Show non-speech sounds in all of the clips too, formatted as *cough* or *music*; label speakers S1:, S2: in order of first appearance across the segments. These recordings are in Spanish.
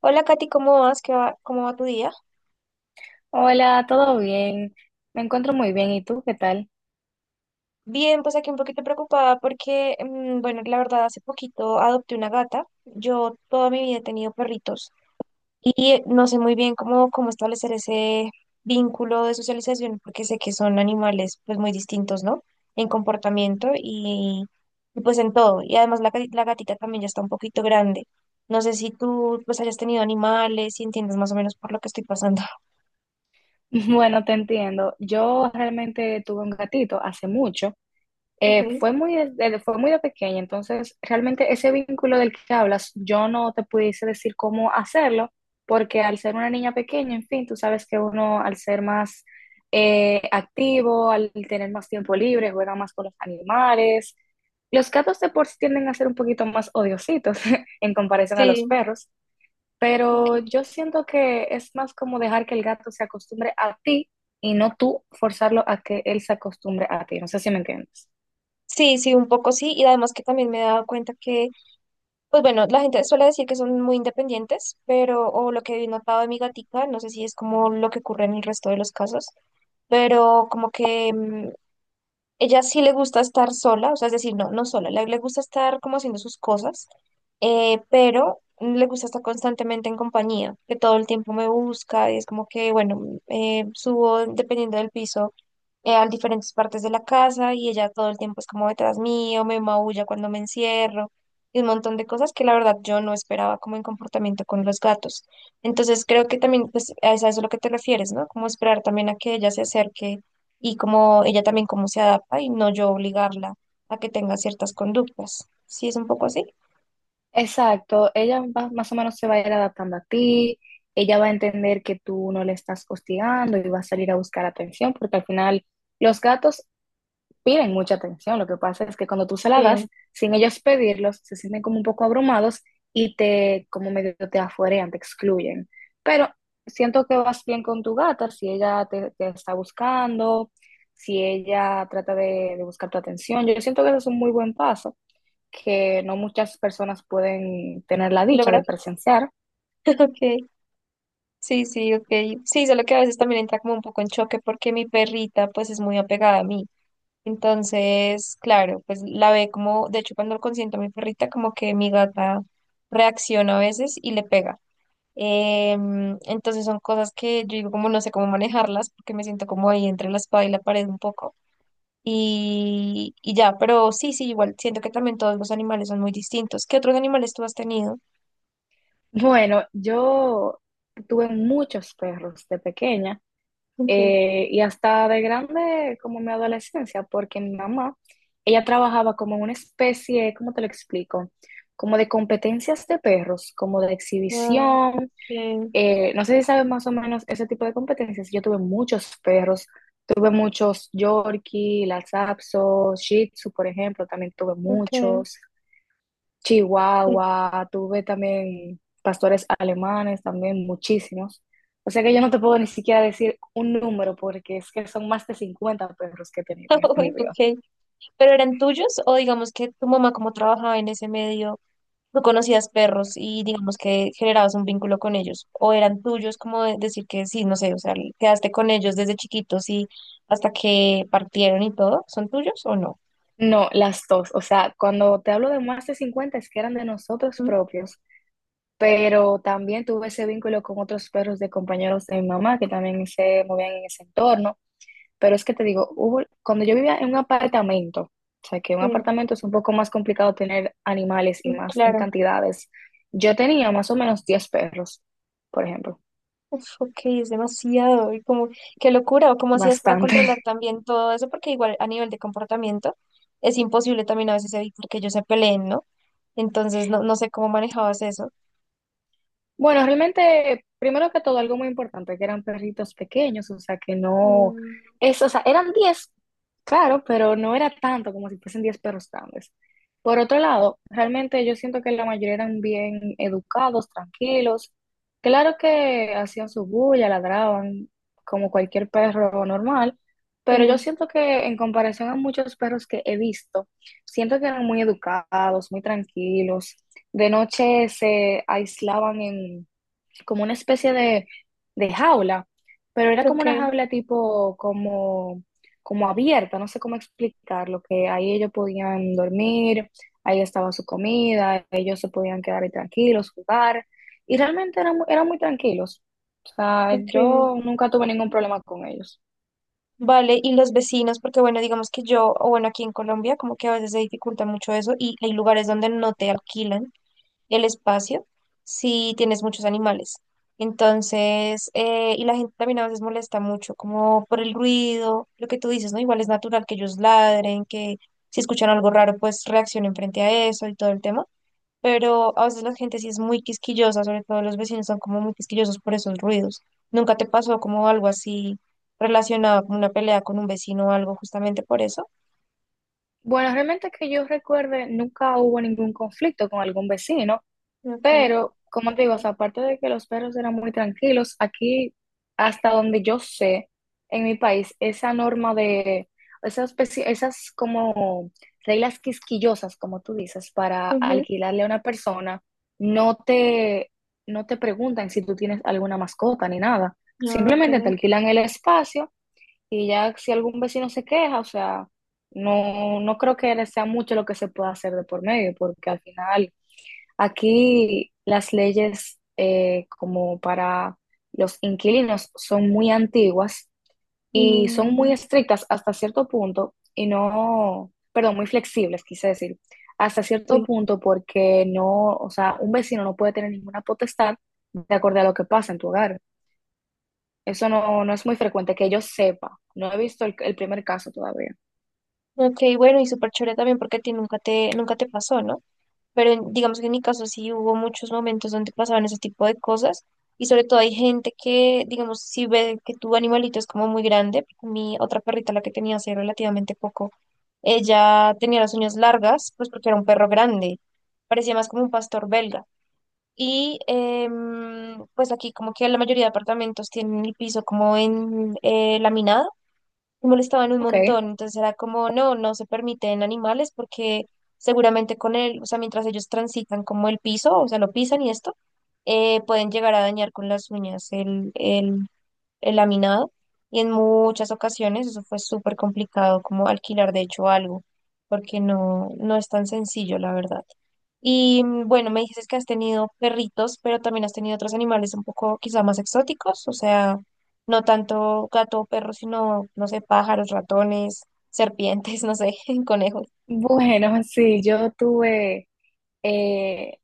S1: Hola Katy, ¿cómo vas? ¿Qué va? ¿Cómo va tu día?
S2: Hola, ¿todo bien? Me encuentro muy bien. ¿Y tú qué tal?
S1: Bien, pues aquí un poquito preocupada porque, bueno, la verdad, hace poquito adopté una gata. Yo toda mi vida he tenido perritos y no sé muy bien cómo establecer ese vínculo de socialización porque sé que son animales pues muy distintos, ¿no? En comportamiento pues en todo. Y además la gatita también ya está un poquito grande. No sé si tú pues hayas tenido animales y entiendes más o menos por lo que estoy pasando. *laughs*
S2: *laughs* Bueno, te entiendo. Yo realmente tuve un gatito hace mucho. Eh,
S1: Okay.
S2: fue muy de, de- fue muy de pequeña, entonces realmente ese vínculo del que hablas, yo no te pudiese decir cómo hacerlo, porque al ser una niña pequeña, en fin, tú sabes que uno al ser más activo, al tener más tiempo libre, juega más con los animales. Los gatos de por sí tienden a ser un poquito más odiositos *laughs* en comparación a los
S1: Sí,
S2: perros. Pero
S1: ok.
S2: yo siento que es más como dejar que el gato se acostumbre a ti y no tú forzarlo a que él se acostumbre a ti. No sé si me entiendes.
S1: Sí, sí, un poco sí, y además que también me he dado cuenta que, pues bueno, la gente suele decir que son muy independientes, pero, o lo que he notado de mi gatica, no sé si es como lo que ocurre en el resto de los casos, pero como que ella sí le gusta estar sola, o sea, es decir, no, no sola, le gusta estar como haciendo sus cosas, pero le gusta estar constantemente en compañía, que todo el tiempo me busca y es como que, bueno, subo dependiendo del piso a diferentes partes de la casa y ella todo el tiempo es como detrás mío, me maulla cuando me encierro y un montón de cosas que la verdad yo no esperaba como en comportamiento con los gatos. Entonces creo que también pues a eso es a lo que te refieres, ¿no? Como esperar también a que ella se acerque y como ella también cómo se adapta y no yo obligarla a que tenga ciertas conductas. Sí, es un poco así.
S2: Exacto, ella más o menos se va a ir adaptando a ti, ella va a entender que tú no le estás hostigando y va a salir a buscar atención, porque al final los gatos piden mucha atención. Lo que pasa es que cuando tú se
S1: Sí,
S2: la das, sin ellos pedirlos, se sienten como un poco abrumados y te, como medio te afuerean, te excluyen. Pero siento que vas bien con tu gata, si ella te está buscando, si ella trata de buscar tu atención. Yo siento que eso es un muy buen paso, que no muchas personas pueden tener la dicha
S1: lograr.
S2: de presenciar.
S1: *laughs* Ok. Sí, sí, ok. Sí, solo que a veces también entra como un poco en choque porque mi perrita pues es muy apegada a mí. Entonces, claro, pues la ve como, de hecho, cuando consiento a mi perrita, como que mi gata reacciona a veces y le pega. Entonces son cosas que yo digo como no sé cómo manejarlas porque me siento como ahí entre la espada y la pared un poco. Ya, pero sí, sí, igual siento que también todos los animales son muy distintos. ¿Qué otros animales tú has tenido?
S2: Bueno, yo tuve muchos perros de pequeña.
S1: Okay.
S2: Y hasta de grande, como en mi adolescencia, porque mi mamá, ella trabajaba como en una especie, ¿cómo te lo explico? Como de competencias de perros, como de
S1: Ah,
S2: exhibición.
S1: ok,
S2: No sé si sabes más o menos ese tipo de competencias. Yo tuve muchos perros, tuve muchos Yorkie, Lhasa Apso, Shih Tzu, por ejemplo, también tuve
S1: ok.
S2: muchos.
S1: Sí.
S2: Chihuahua, tuve también pastores alemanes, también muchísimos. O sea que yo no te puedo ni siquiera decir un número porque es que son más de 50 perros que he tenido en
S1: *laughs*
S2: este mi
S1: Uy,
S2: vida.
S1: ok. ¿Pero eran tuyos o digamos que tu mamá como trabajaba en ese medio? Tú conocías perros y digamos que generabas un vínculo con ellos, o eran tuyos, como decir que sí, no sé, o sea, quedaste con ellos desde chiquitos y hasta que partieron y todo, ¿son tuyos o no?
S2: No, las dos. O sea, cuando te hablo de más de 50 es que eran de nosotros
S1: Ujú.
S2: propios, pero también tuve ese vínculo con otros perros de compañeros de mi mamá que también se movían en ese entorno. Pero es que te digo, cuando yo vivía en un apartamento, o sea, que un
S1: Sí,
S2: apartamento es un poco más complicado tener animales y
S1: sí,
S2: más en
S1: claro.
S2: cantidades, yo tenía más o menos 10 perros, por ejemplo,
S1: Uf, ok, es demasiado. Y como, qué locura, o cómo hacías para controlar
S2: bastante.
S1: también todo eso, porque igual a nivel de comportamiento es imposible también a veces evitar que ellos se peleen, ¿no? Entonces, no, no sé cómo manejabas eso.
S2: Bueno, realmente, primero que todo, algo muy importante, que eran perritos pequeños, o sea, que no,
S1: Mm,
S2: es, o sea, eran 10, claro, pero no era tanto como si fuesen 10 perros grandes. Por otro lado, realmente yo siento que la mayoría eran bien educados, tranquilos, claro que hacían su bulla, ladraban como cualquier perro normal, pero yo
S1: sí,
S2: siento que en comparación a muchos perros que he visto, siento que eran muy educados, muy tranquilos. De noche se aislaban en como una especie de jaula, pero era como una
S1: ok,
S2: jaula tipo como, como abierta, no sé cómo explicarlo, que ahí ellos podían dormir, ahí estaba su comida, ellos se podían quedar ahí tranquilos, jugar, y realmente eran, eran muy tranquilos. O sea,
S1: ok.
S2: yo nunca tuve ningún problema con ellos.
S1: Vale, y los vecinos, porque bueno, digamos que yo, o bueno, aquí en Colombia, como que a veces se dificulta mucho eso y hay lugares donde no te alquilan el espacio si tienes muchos animales. Entonces, y la gente también a veces molesta mucho, como por el ruido, lo que tú dices, ¿no? Igual es natural que ellos ladren, que si escuchan algo raro, pues reaccionen frente a eso y todo el tema, pero a veces la gente sí es muy quisquillosa, sobre todo los vecinos son como muy quisquillosos por esos ruidos. ¿Nunca te pasó como algo así relacionado con una pelea con un vecino o algo justamente por eso?
S2: Bueno, realmente que yo recuerde, nunca hubo ningún conflicto con algún vecino.
S1: Okay.
S2: Pero, como te digo, o sea, aparte de que los perros eran muy tranquilos, aquí, hasta donde yo sé, en mi país, esa norma de esas como reglas quisquillosas, como tú dices, para
S1: Ujú.
S2: alquilarle a una persona, no te, no te preguntan si tú tienes alguna mascota ni nada.
S1: Ah,
S2: Simplemente
S1: okay.
S2: te alquilan el espacio y ya si algún vecino se queja, o sea, no, no creo que sea mucho lo que se pueda hacer de por medio, porque al final aquí las leyes como para los inquilinos son muy antiguas y son muy
S1: mm,
S2: estrictas hasta cierto punto y no, perdón, muy flexibles, quise decir, hasta cierto
S1: sí.
S2: punto porque no, o sea, un vecino no puede tener ninguna potestad de acuerdo a lo que pasa en tu hogar. Eso no, no es muy frecuente que yo sepa. No he visto el primer caso todavía.
S1: Okay, bueno, y súper chévere también porque a ti nunca te pasó, ¿no? Pero digamos que en mi caso sí hubo muchos momentos donde pasaban ese tipo de cosas y sobre todo hay gente que, digamos, si ve que tu animalito es como muy grande, mi otra perrita, la que tenía hace relativamente poco, ella tenía las uñas largas, pues porque era un perro grande, parecía más como un pastor belga. Y pues aquí como que la mayoría de apartamentos tienen el piso como en laminado, me molestaban un
S2: Ok.
S1: montón, entonces era como, no, no se permiten animales porque seguramente con él, o sea, mientras ellos transitan como el piso, o sea, lo pisan y esto, pueden llegar a dañar con las uñas el laminado y en muchas ocasiones eso fue súper complicado como alquilar de hecho algo, porque no, no es tan sencillo, la verdad. Y bueno, me dices que has tenido perritos, pero también has tenido otros animales un poco quizá más exóticos, o sea, no tanto gato o perro, sino, no sé, pájaros, ratones, serpientes, *laughs* no sé, *laughs* conejos.
S2: Bueno, *laughs* sí, yo tuve eh,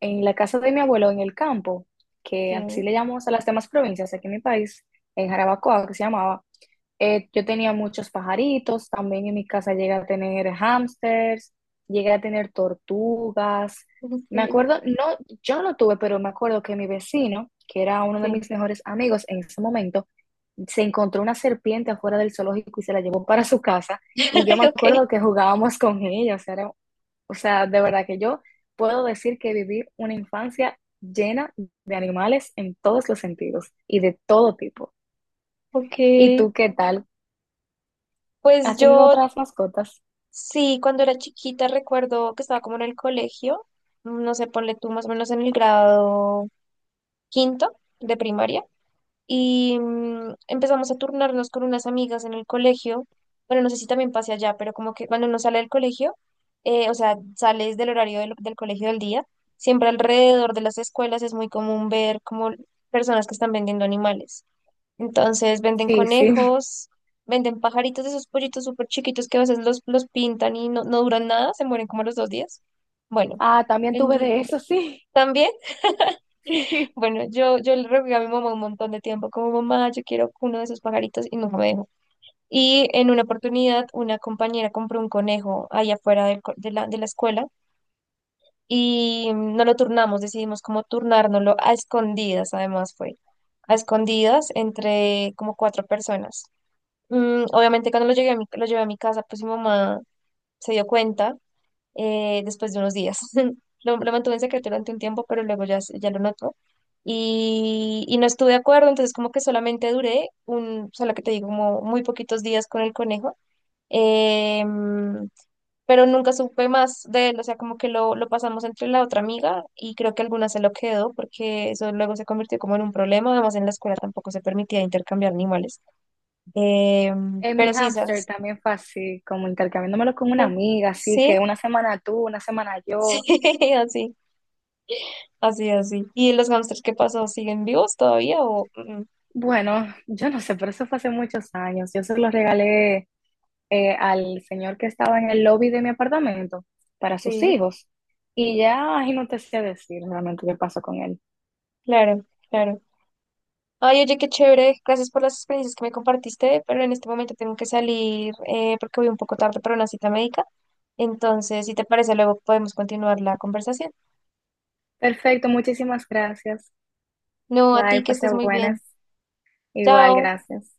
S2: en la casa de mi abuelo, en el campo, que
S1: Sí,
S2: así le llamamos a las demás provincias aquí en mi país, en Jarabacoa, que se llamaba, yo tenía muchos pajaritos, también en mi casa llegué a tener hámsters, llegué a tener tortugas. Me
S1: sí,
S2: acuerdo, no, yo no tuve, pero me acuerdo que mi vecino, que era uno de
S1: sí.
S2: mis mejores amigos en ese momento, se encontró una serpiente afuera del zoológico y se la llevó para su casa. Y yo
S1: *laughs*
S2: me
S1: Okay.
S2: acuerdo que jugábamos con ella, o sea, era- o sea, de verdad que yo puedo decir que viví una infancia llena de animales en todos los sentidos y de todo tipo. ¿Y
S1: Okay.
S2: tú qué tal?
S1: Pues
S2: ¿Has tenido
S1: yo
S2: otras mascotas?
S1: sí, cuando era chiquita recuerdo que estaba como en el colegio, no sé, ponle tú más o menos en el grado quinto de primaria. Y empezamos a turnarnos con unas amigas en el colegio. Bueno, no sé si también pase allá, pero como que cuando uno sale del colegio, o sea, sales del horario del colegio del día, siempre alrededor de las escuelas es muy común ver como personas que están vendiendo animales. Entonces venden
S2: Sí, sí.
S1: conejos, venden pajaritos de esos pollitos súper chiquitos que a veces los pintan y no, no duran nada, se mueren como a los dos días. Bueno,
S2: Ah, también tuve
S1: vendía.
S2: de eso, sí.
S1: También
S2: *laughs*
S1: bueno, yo le rogué a mi mamá un montón de tiempo, como mamá, yo quiero uno de esos pajaritos y nunca me dejó. Y en una oportunidad, una compañera compró un conejo ahí afuera de de la escuela y no lo turnamos, decidimos como turnárnoslo a escondidas, además fue, a escondidas entre como cuatro personas. Obviamente cuando lo llegué a mi, lo llevé a mi casa, pues mi mamá se dio cuenta después de unos días. *laughs* Lo mantuve en secreto durante un tiempo, pero luego ya, ya lo notó. No estuve de acuerdo, entonces como que solamente duré un, solo que te digo, como muy poquitos días con el conejo. Em, pero nunca supe más de él, o sea, como que lo pasamos entre la otra amiga y creo que alguna se lo quedó porque eso luego se convirtió como en un problema, además en la escuela tampoco se permitía intercambiar animales.
S2: Sí. Mi
S1: Pero sí,
S2: hámster
S1: ¿sabes?
S2: también fue así, como intercambiándomelo con una
S1: *laughs*
S2: amiga, así
S1: Sí,
S2: que una semana tú, una semana yo.
S1: *laughs* sí, así. Así, así. ¿Y los hamsters qué pasó? ¿Siguen vivos todavía? O... mm,
S2: Bueno, yo no sé, pero eso fue hace muchos años. Yo se lo regalé al señor que estaba en el lobby de mi apartamento para sus
S1: sí,
S2: hijos. Y ya, ay, no te sé decir realmente qué pasó con él.
S1: claro, claro. Ay, oye, qué chévere. Gracias por las experiencias que me compartiste, pero en este momento tengo que salir porque voy un poco tarde para una cita médica. Entonces, si te parece, luego podemos continuar la conversación.
S2: Perfecto, muchísimas gracias.
S1: No, a
S2: Bye,
S1: ti que
S2: pase
S1: estés muy bien.
S2: buenas. Igual,
S1: Chao.
S2: gracias.